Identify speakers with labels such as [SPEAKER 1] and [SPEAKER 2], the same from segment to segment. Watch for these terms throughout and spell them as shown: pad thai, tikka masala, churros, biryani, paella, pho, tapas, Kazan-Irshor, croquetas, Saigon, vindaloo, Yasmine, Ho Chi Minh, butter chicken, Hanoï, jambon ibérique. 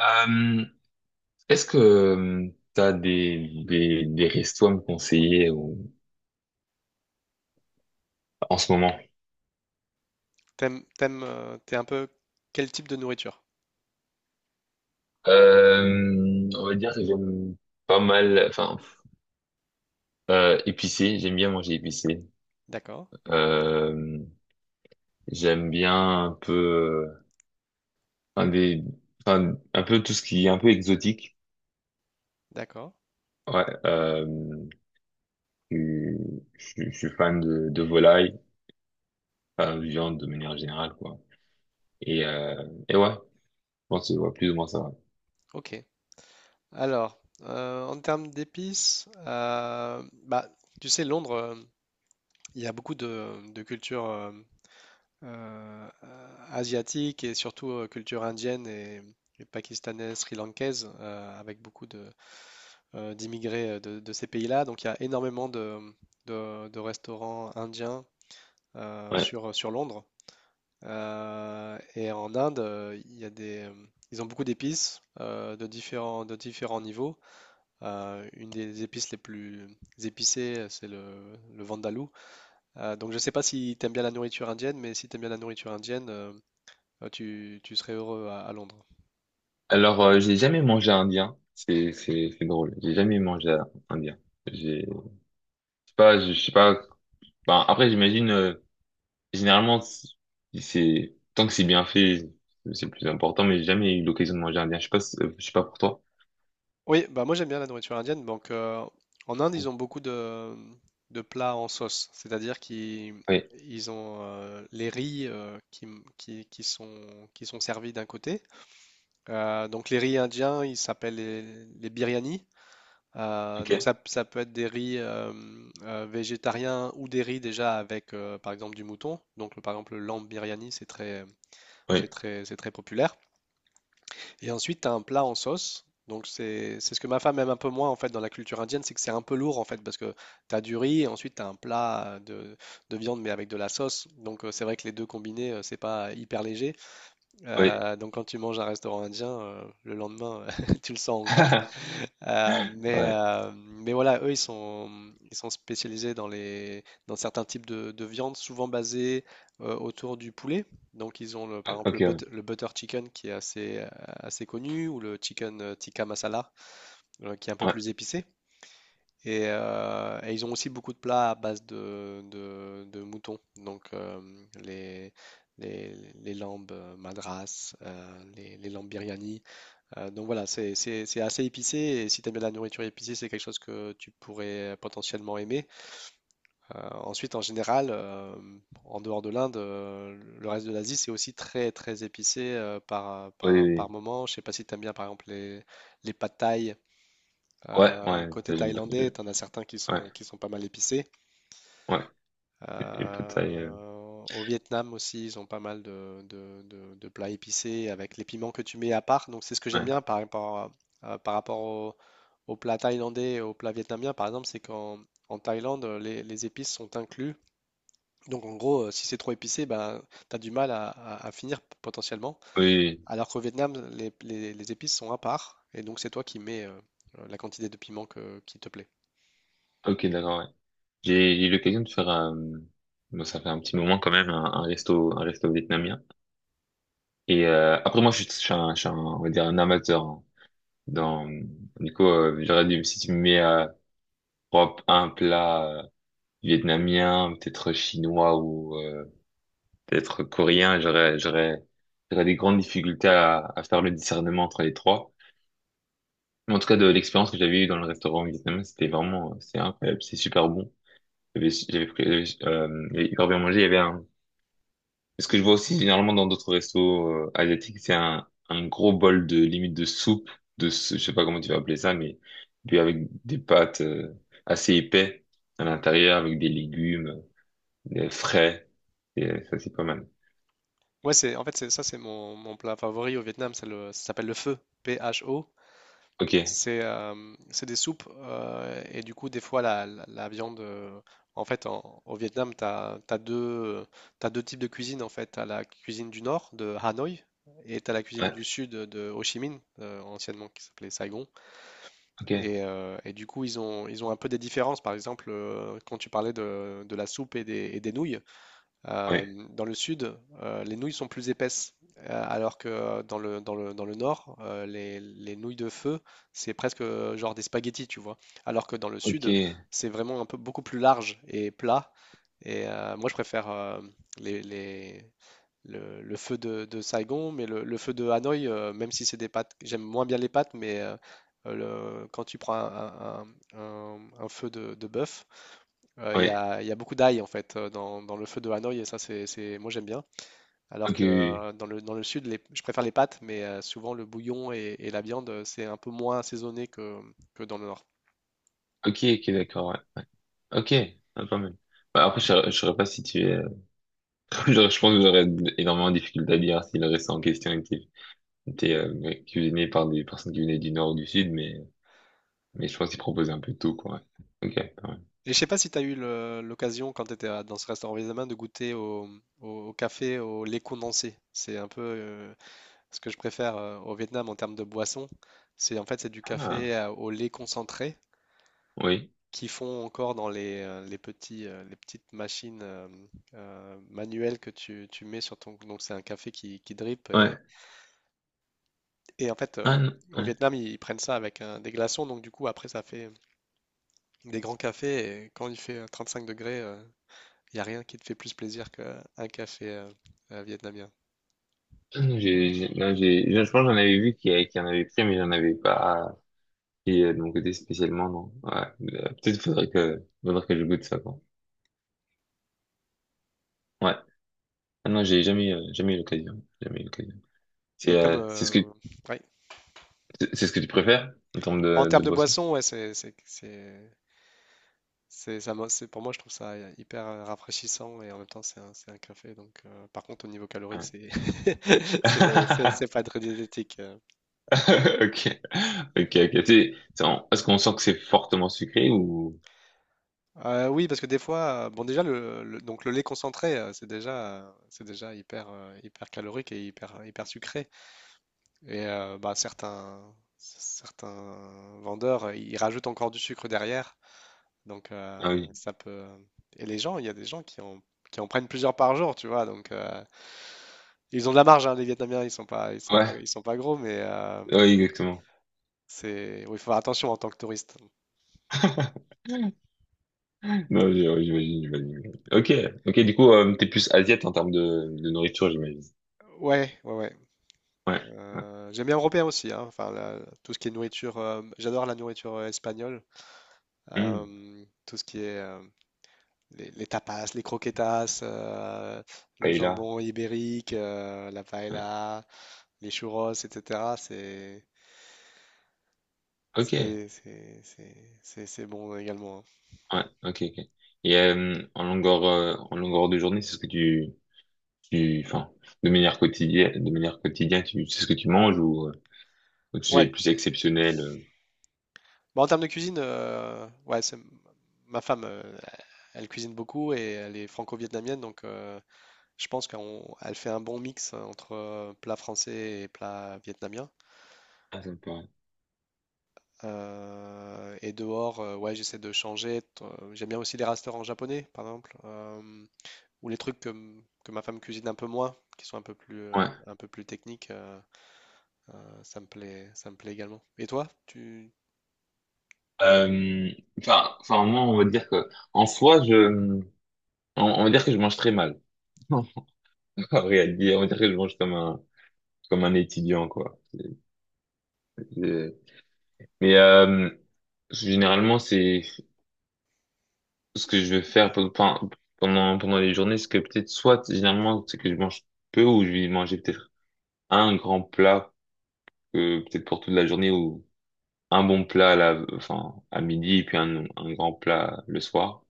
[SPEAKER 1] Euh, Est-ce que tu as des restos à me conseiller en ce moment?
[SPEAKER 2] T'es un peu quel type de nourriture?
[SPEAKER 1] On va dire que j'aime pas mal, épicé, j'aime bien manger épicé.
[SPEAKER 2] D'accord,
[SPEAKER 1] Euh, J'aime bien un peu, enfin, des, enfin, un peu tout ce qui est un peu exotique.
[SPEAKER 2] d'accord,
[SPEAKER 1] Ouais, je, je suis fan de volaille, enfin, de viande de manière générale, quoi. Et ouais. On c'est voit plus ou moins ça va.
[SPEAKER 2] ok. Alors, en termes d'épices, bah, tu sais, Londres, il y a beaucoup de culture asiatique et surtout culture indienne et pakistanaise, sri-lankaise, avec beaucoup d'immigrés euh, de ces pays-là. Donc, il y a énormément de restaurants indiens euh,
[SPEAKER 1] Ouais.
[SPEAKER 2] sur, sur Londres. Et en Inde, il y a des, ils ont beaucoup d'épices euh, de différents niveaux. Une des épices les plus épicées, c'est le vindaloo. Donc je ne sais pas si tu aimes bien la nourriture indienne, mais si tu aimes bien la nourriture indienne, tu serais heureux à Londres.
[SPEAKER 1] Alors, j'ai jamais mangé indien. C'est drôle. J'ai jamais mangé indien. Je sais pas, je sais pas. Ben, après, j'imagine, généralement, c'est- tant que c'est bien fait, c'est le plus important, mais j'ai jamais eu l'occasion de manger indien. Je sais pas, je sais pas pour toi.
[SPEAKER 2] Oui, bah moi j'aime bien la nourriture indienne. Donc en Inde, ils ont beaucoup de plats en sauce, c'est-à-dire qu'ils
[SPEAKER 1] Oui.
[SPEAKER 2] ils ont les riz qui sont, qui sont servis d'un côté. Donc les riz indiens, ils s'appellent les biryani.
[SPEAKER 1] Ok.
[SPEAKER 2] Donc ça, ça peut être des riz végétariens ou des riz déjà avec par exemple du mouton. Donc par exemple le lamb biryani,
[SPEAKER 1] Oui.
[SPEAKER 2] c'est très populaire. Et ensuite, tu as un plat en sauce. Donc c'est ce que ma femme aime un peu moins en fait dans la culture indienne, c'est que c'est un peu lourd en fait parce que tu as du riz et ensuite tu as un plat de viande mais avec de la sauce. Donc c'est vrai que les deux combinés, c'est pas hyper léger.
[SPEAKER 1] Oui.
[SPEAKER 2] Donc quand tu manges à un restaurant indien, le lendemain, tu le sens encore.
[SPEAKER 1] Ouais.
[SPEAKER 2] Mais voilà, eux, ils sont spécialisés dans les, dans certains types de viande, souvent basés autour du poulet. Donc ils ont par exemple
[SPEAKER 1] Ok. Ouais.
[SPEAKER 2] le butter chicken qui est assez, assez connu, ou le chicken tikka masala, qui est un peu
[SPEAKER 1] Ouais.
[SPEAKER 2] plus épicé. Et ils ont aussi beaucoup de plats à base de moutons, donc les, les lambes madras, les lambes biryani. Donc voilà, c'est assez épicé et si tu aimes bien la nourriture épicée, c'est quelque chose que tu pourrais potentiellement aimer. Ensuite, en général, en dehors de l'Inde, le reste de l'Asie, c'est aussi très très épicé
[SPEAKER 1] Oui, oui,
[SPEAKER 2] par
[SPEAKER 1] oui.
[SPEAKER 2] moment. Je sais pas si tu aimes bien par exemple les pad thai
[SPEAKER 1] Ouais. Ouais.
[SPEAKER 2] côté
[SPEAKER 1] Ça, j'aime pas. Je-
[SPEAKER 2] thaïlandais, t'en as certains
[SPEAKER 1] Ouais.
[SPEAKER 2] qui sont pas mal épicés.
[SPEAKER 1] Ouais. Les Pad Thai,
[SPEAKER 2] Au Vietnam aussi, ils ont pas mal de plats épicés avec les piments que tu mets à part. Donc c'est ce que j'aime
[SPEAKER 1] ouais.
[SPEAKER 2] bien par rapport, par rapport au plat thaïlandais et au plat vietnamien, par exemple, c'est qu'en en Thaïlande, les épices sont inclus. Donc en gros, si c'est trop épicé, ben, tu as du mal à finir potentiellement.
[SPEAKER 1] Oui, oui.
[SPEAKER 2] Alors qu'au Vietnam, les épices sont à part. Et donc c'est toi qui mets la quantité de piment qui te plaît.
[SPEAKER 1] Oui, ok, d'accord, ouais. J'ai eu l'occasion de faire, bon, ça fait un petit moment quand même, un resto vietnamien. Et après, je suis un, je suis on va dire un amateur, hein. Dans, du coup, j'aurais dit, si tu me mets à propre un plat vietnamien, peut-être chinois ou peut-être coréen, j'aurais des grandes difficultés à faire le discernement entre les trois. Mais en tout cas, de l'expérience que j'avais eue dans le restaurant vietnamien, c'était vraiment, c'est incroyable, c'est super bon. J'avais pris, j'avais hyper bien mangé. Il y avait un, ce que je vois aussi généralement dans d'autres restos asiatiques, c'est un gros bol de limite de soupe, ce- je sais pas comment tu vas appeler ça, mais puis avec des pâtes assez épais à l'intérieur, avec des légumes, des frais. Et ça, c'est pas mal.
[SPEAKER 2] Ouais, c'est en fait c'est ça, c'est mon, mon plat favori au Vietnam, c'est le ça s'appelle le pho, P-H-O.
[SPEAKER 1] Ok.
[SPEAKER 2] C'est euh, c'est des soupes et du coup des fois la viande en fait au Vietnam t'as deux types de cuisine en fait, t'as la cuisine du nord de Hanoï et t'as la cuisine du
[SPEAKER 1] Ouais.
[SPEAKER 2] sud de Ho Chi Minh anciennement qui s'appelait Saigon
[SPEAKER 1] Ok.
[SPEAKER 2] et du coup ils ont un peu des différences par exemple quand tu parlais de la soupe et des nouilles euh,
[SPEAKER 1] Ouais.
[SPEAKER 2] dans le sud, les nouilles sont plus épaisses, alors que dans dans le nord, les nouilles de feu, c'est presque genre des spaghettis, tu vois. Alors que dans le
[SPEAKER 1] Ok.
[SPEAKER 2] sud, c'est vraiment un peu beaucoup plus large et plat. Et moi, je préfère les, les- le feu de Saigon, mais le feu de Hanoï, même si c'est des pâtes, j'aime moins bien les pâtes, mais quand tu prends un feu de bœuf,
[SPEAKER 1] Ouais.
[SPEAKER 2] il y a beaucoup d'ail en fait dans, dans le feu de Hanoï et ça moi j'aime bien. Alors
[SPEAKER 1] Ok.
[SPEAKER 2] que
[SPEAKER 1] Oui, oui.
[SPEAKER 2] dans dans le sud je préfère les pâtes mais souvent le bouillon et la viande c'est un peu moins assaisonné que dans le nord.
[SPEAKER 1] Oui. Ok. Ok. D'accord. Ouais. Ok. Ah, pas mal. Bah, après, je saurais pas si tu es, je, pense que j'aurais énormément de difficultés à dire s'il le reste en question était C'était ouais, cuisiné par des personnes qui venaient du nord ou du sud, mais je pense qu'ils proposaient un peu de tout, quoi. Ouais. Ok, quand même.
[SPEAKER 2] Et je sais pas si tu as eu l'occasion quand tu étais dans ce restaurant vietnamien de goûter au, au café au lait condensé. C'est un peu ce que je préfère au Vietnam en termes de boisson. C'est en fait c'est du
[SPEAKER 1] Ah,
[SPEAKER 2] café au lait concentré
[SPEAKER 1] oui.
[SPEAKER 2] qui font encore dans les petits, les petites machines manuelles que tu mets sur ton... Donc c'est un café qui drip.
[SPEAKER 1] Ouais.
[SPEAKER 2] Et en fait,
[SPEAKER 1] Ah non.
[SPEAKER 2] au
[SPEAKER 1] Ouais.
[SPEAKER 2] Vietnam, ils prennent ça avec des glaçons. Donc du coup, après, ça fait des grands cafés. Et quand il fait 35 degrés, il n'y a rien qui te fait plus plaisir qu'un café vietnamien.
[SPEAKER 1] Ah non, non, j'ai, je pense que j'en avais vu qui en avait pris, mais j'en avais pas pris de mon côté spécialement, non. Ouais. Peut-être faudrait que je goûte ça, quoi. Ouais. Ah non, j'ai jamais, jamais eu l'occasion. Jamais eu l'occasion.
[SPEAKER 2] Et
[SPEAKER 1] C'est,
[SPEAKER 2] comme...
[SPEAKER 1] euh, c'est ce que,
[SPEAKER 2] ouais.
[SPEAKER 1] c'est ce que tu préfères en termes
[SPEAKER 2] En termes
[SPEAKER 1] de
[SPEAKER 2] de
[SPEAKER 1] boisson?
[SPEAKER 2] boisson, ouais, c'est, pour moi, je trouve ça hyper rafraîchissant et en même temps, c'est un café. Donc, par contre, au niveau calories,
[SPEAKER 1] Ouais.
[SPEAKER 2] c'est... C'est pas très diététique. Euh,
[SPEAKER 1] Ok. Ok, ok. Est-ce qu'on sent que c'est fortement sucré ou...
[SPEAKER 2] Oui, parce que des fois, bon déjà donc le lait concentré, c'est déjà hyper hyper calorique et hyper hyper sucré. Et bah certains vendeurs, ils rajoutent encore du sucre derrière. Donc
[SPEAKER 1] Ah oui.
[SPEAKER 2] ça peut... et les gens, il y a des gens qui en prennent plusieurs par jour, tu vois. Donc ils ont de la marge, hein, les Vietnamiens,
[SPEAKER 1] Ouais,
[SPEAKER 2] ils sont pas gros, mais
[SPEAKER 1] ouais, exactement.
[SPEAKER 2] c'est oui, il faut faire attention en tant que touriste.
[SPEAKER 1] Non, ouais, j'imagine, j'imagine. Ok, ok. Du coup, t'es plus asiate en termes de nourriture, j'imagine.
[SPEAKER 2] Ouais, ouais, ouais.
[SPEAKER 1] Ouais, ouais.
[SPEAKER 2] J'aime bien européen aussi, hein. Enfin, tout ce qui est nourriture, j'adore la nourriture espagnole.
[SPEAKER 1] Hmm.
[SPEAKER 2] Tout ce qui est les tapas, les croquetas, le
[SPEAKER 1] Paella.
[SPEAKER 2] jambon ibérique, la
[SPEAKER 1] Ouais.
[SPEAKER 2] paella, les churros, etc.
[SPEAKER 1] Ok. Ouais.
[SPEAKER 2] C'est bon également, hein.
[SPEAKER 1] Ok, ok. Et en longueur de journée, c'est ce que enfin, de manière quotidienne, c'est ce que tu manges ou tu es
[SPEAKER 2] Ouais.
[SPEAKER 1] plus exceptionnel.
[SPEAKER 2] Bah, en termes de cuisine, ouais, c'est... ma femme, elle cuisine beaucoup et elle est franco-vietnamienne, donc je pense qu'elle fait un bon mix hein, entre plat français et plat vietnamien.
[SPEAKER 1] Ah, ça me paraît.
[SPEAKER 2] Et dehors, ouais, j'essaie de changer. J'aime bien aussi les restaurants japonais, par exemple, ou les trucs que, que ma femme cuisine un peu moins, qui sont un peu plus techniques. Euh, ça me plaît également. Et toi, tu...
[SPEAKER 1] Euh, enfin, moi, on va dire que, en soi, on va dire que je mange très mal. En réalité, on va dire que je mange comme un étudiant, quoi. C'est- Mais généralement, c'est ce que je vais faire pendant les journées, c'est que peut-être soit, généralement, c'est que je mange peu ou je vais manger peut-être un grand plat, peut-être pour toute la journée ou un bon plat à la, enfin, à midi et puis un grand plat le soir.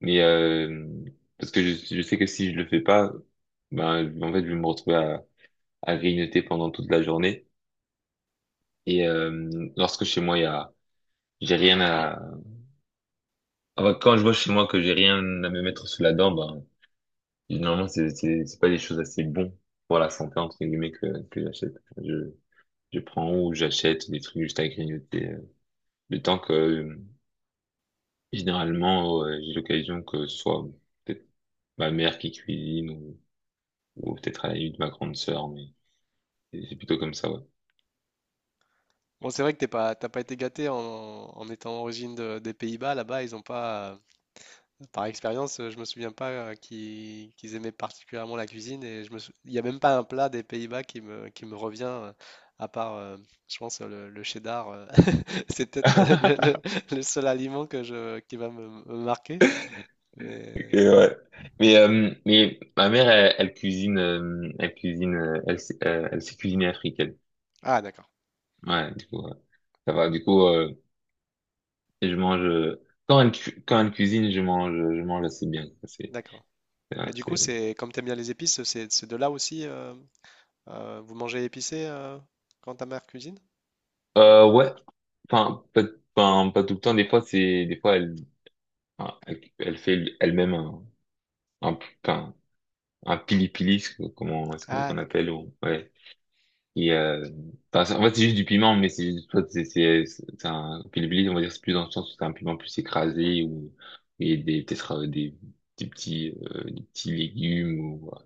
[SPEAKER 1] Mais parce que je sais que si je le fais pas, ben en fait je vais me retrouver à grignoter pendant toute la journée. Et lorsque chez moi il y a, j'ai rien à. Enfin, quand je vois chez moi que j'ai rien à me mettre sous la dent, ben normalement c'est c'est pas des choses assez bon pour la santé entre guillemets que j'achète. Je je prends ou j'achète des trucs juste à grignoter. Le temps que généralement j'ai l'occasion que ce soit peut-être ma mère qui cuisine ou peut-être à la limite ma grande sœur, mais c'est plutôt comme ça, ouais.
[SPEAKER 2] Bon, c'est vrai que t'as pas été gâté en, en étant origine des Pays-Bas. Là-bas, ils ont pas... Par expérience, je me souviens pas qu'ils aimaient particulièrement la cuisine et je me il n'y a même pas un plat des Pays-Bas qui me revient à part, je pense, le cheddar. Euh, c'est peut-être le seul aliment que je, qui va me, me marquer,
[SPEAKER 1] Ok,
[SPEAKER 2] mais...
[SPEAKER 1] ouais. Mais ma mère, elle cuisine, elle cuisine, elle sait cuisiner africaine.
[SPEAKER 2] Ah, d'accord,
[SPEAKER 1] Ouais, du coup, ouais, ça va. Du coup, je mange, quand quand elle cuisine, je mange assez bien.
[SPEAKER 2] d'accord. Et
[SPEAKER 1] C'est,
[SPEAKER 2] du coup,
[SPEAKER 1] c'est-
[SPEAKER 2] c'est comme t'aimes bien les épices, c'est de là aussi, vous mangez épicé quand ta mère cuisine?
[SPEAKER 1] ouais. Enfin, pas, enfin, pas tout le temps. Des fois, des fois, enfin, elle fait elle-même un, un, enfin, un pili-pili, comment
[SPEAKER 2] Ah,
[SPEAKER 1] qu'on
[SPEAKER 2] d'accord.
[SPEAKER 1] appelle, ou, ouais. Et c'est- en fait, c'est juste du piment, mais c'est juste, soit c'est c'est un pili pili, on va dire, c'est plus dans le sens où c'est un piment plus écrasé ou et des peut-être des petits légumes ou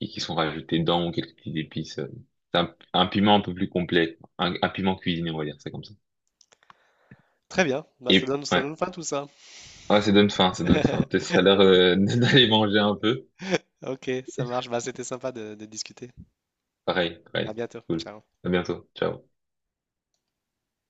[SPEAKER 1] et qui sont rajoutés dedans ou quelques petites épices. C'est un piment un peu plus complet, un piment cuisiné, on va dire, c'est comme ça.
[SPEAKER 2] Très bien, bah,
[SPEAKER 1] Et
[SPEAKER 2] ça
[SPEAKER 1] ouais,
[SPEAKER 2] donne faim tout ça.
[SPEAKER 1] ouais, ça donne faim, ça donne faim. Peut-être que ça a l'air d'aller manger un peu.
[SPEAKER 2] Ok, ça marche, bah, c'était sympa de discuter.
[SPEAKER 1] Pareil,
[SPEAKER 2] À
[SPEAKER 1] pareil.
[SPEAKER 2] bientôt.
[SPEAKER 1] Cool.
[SPEAKER 2] Ciao.
[SPEAKER 1] À bientôt. Ciao.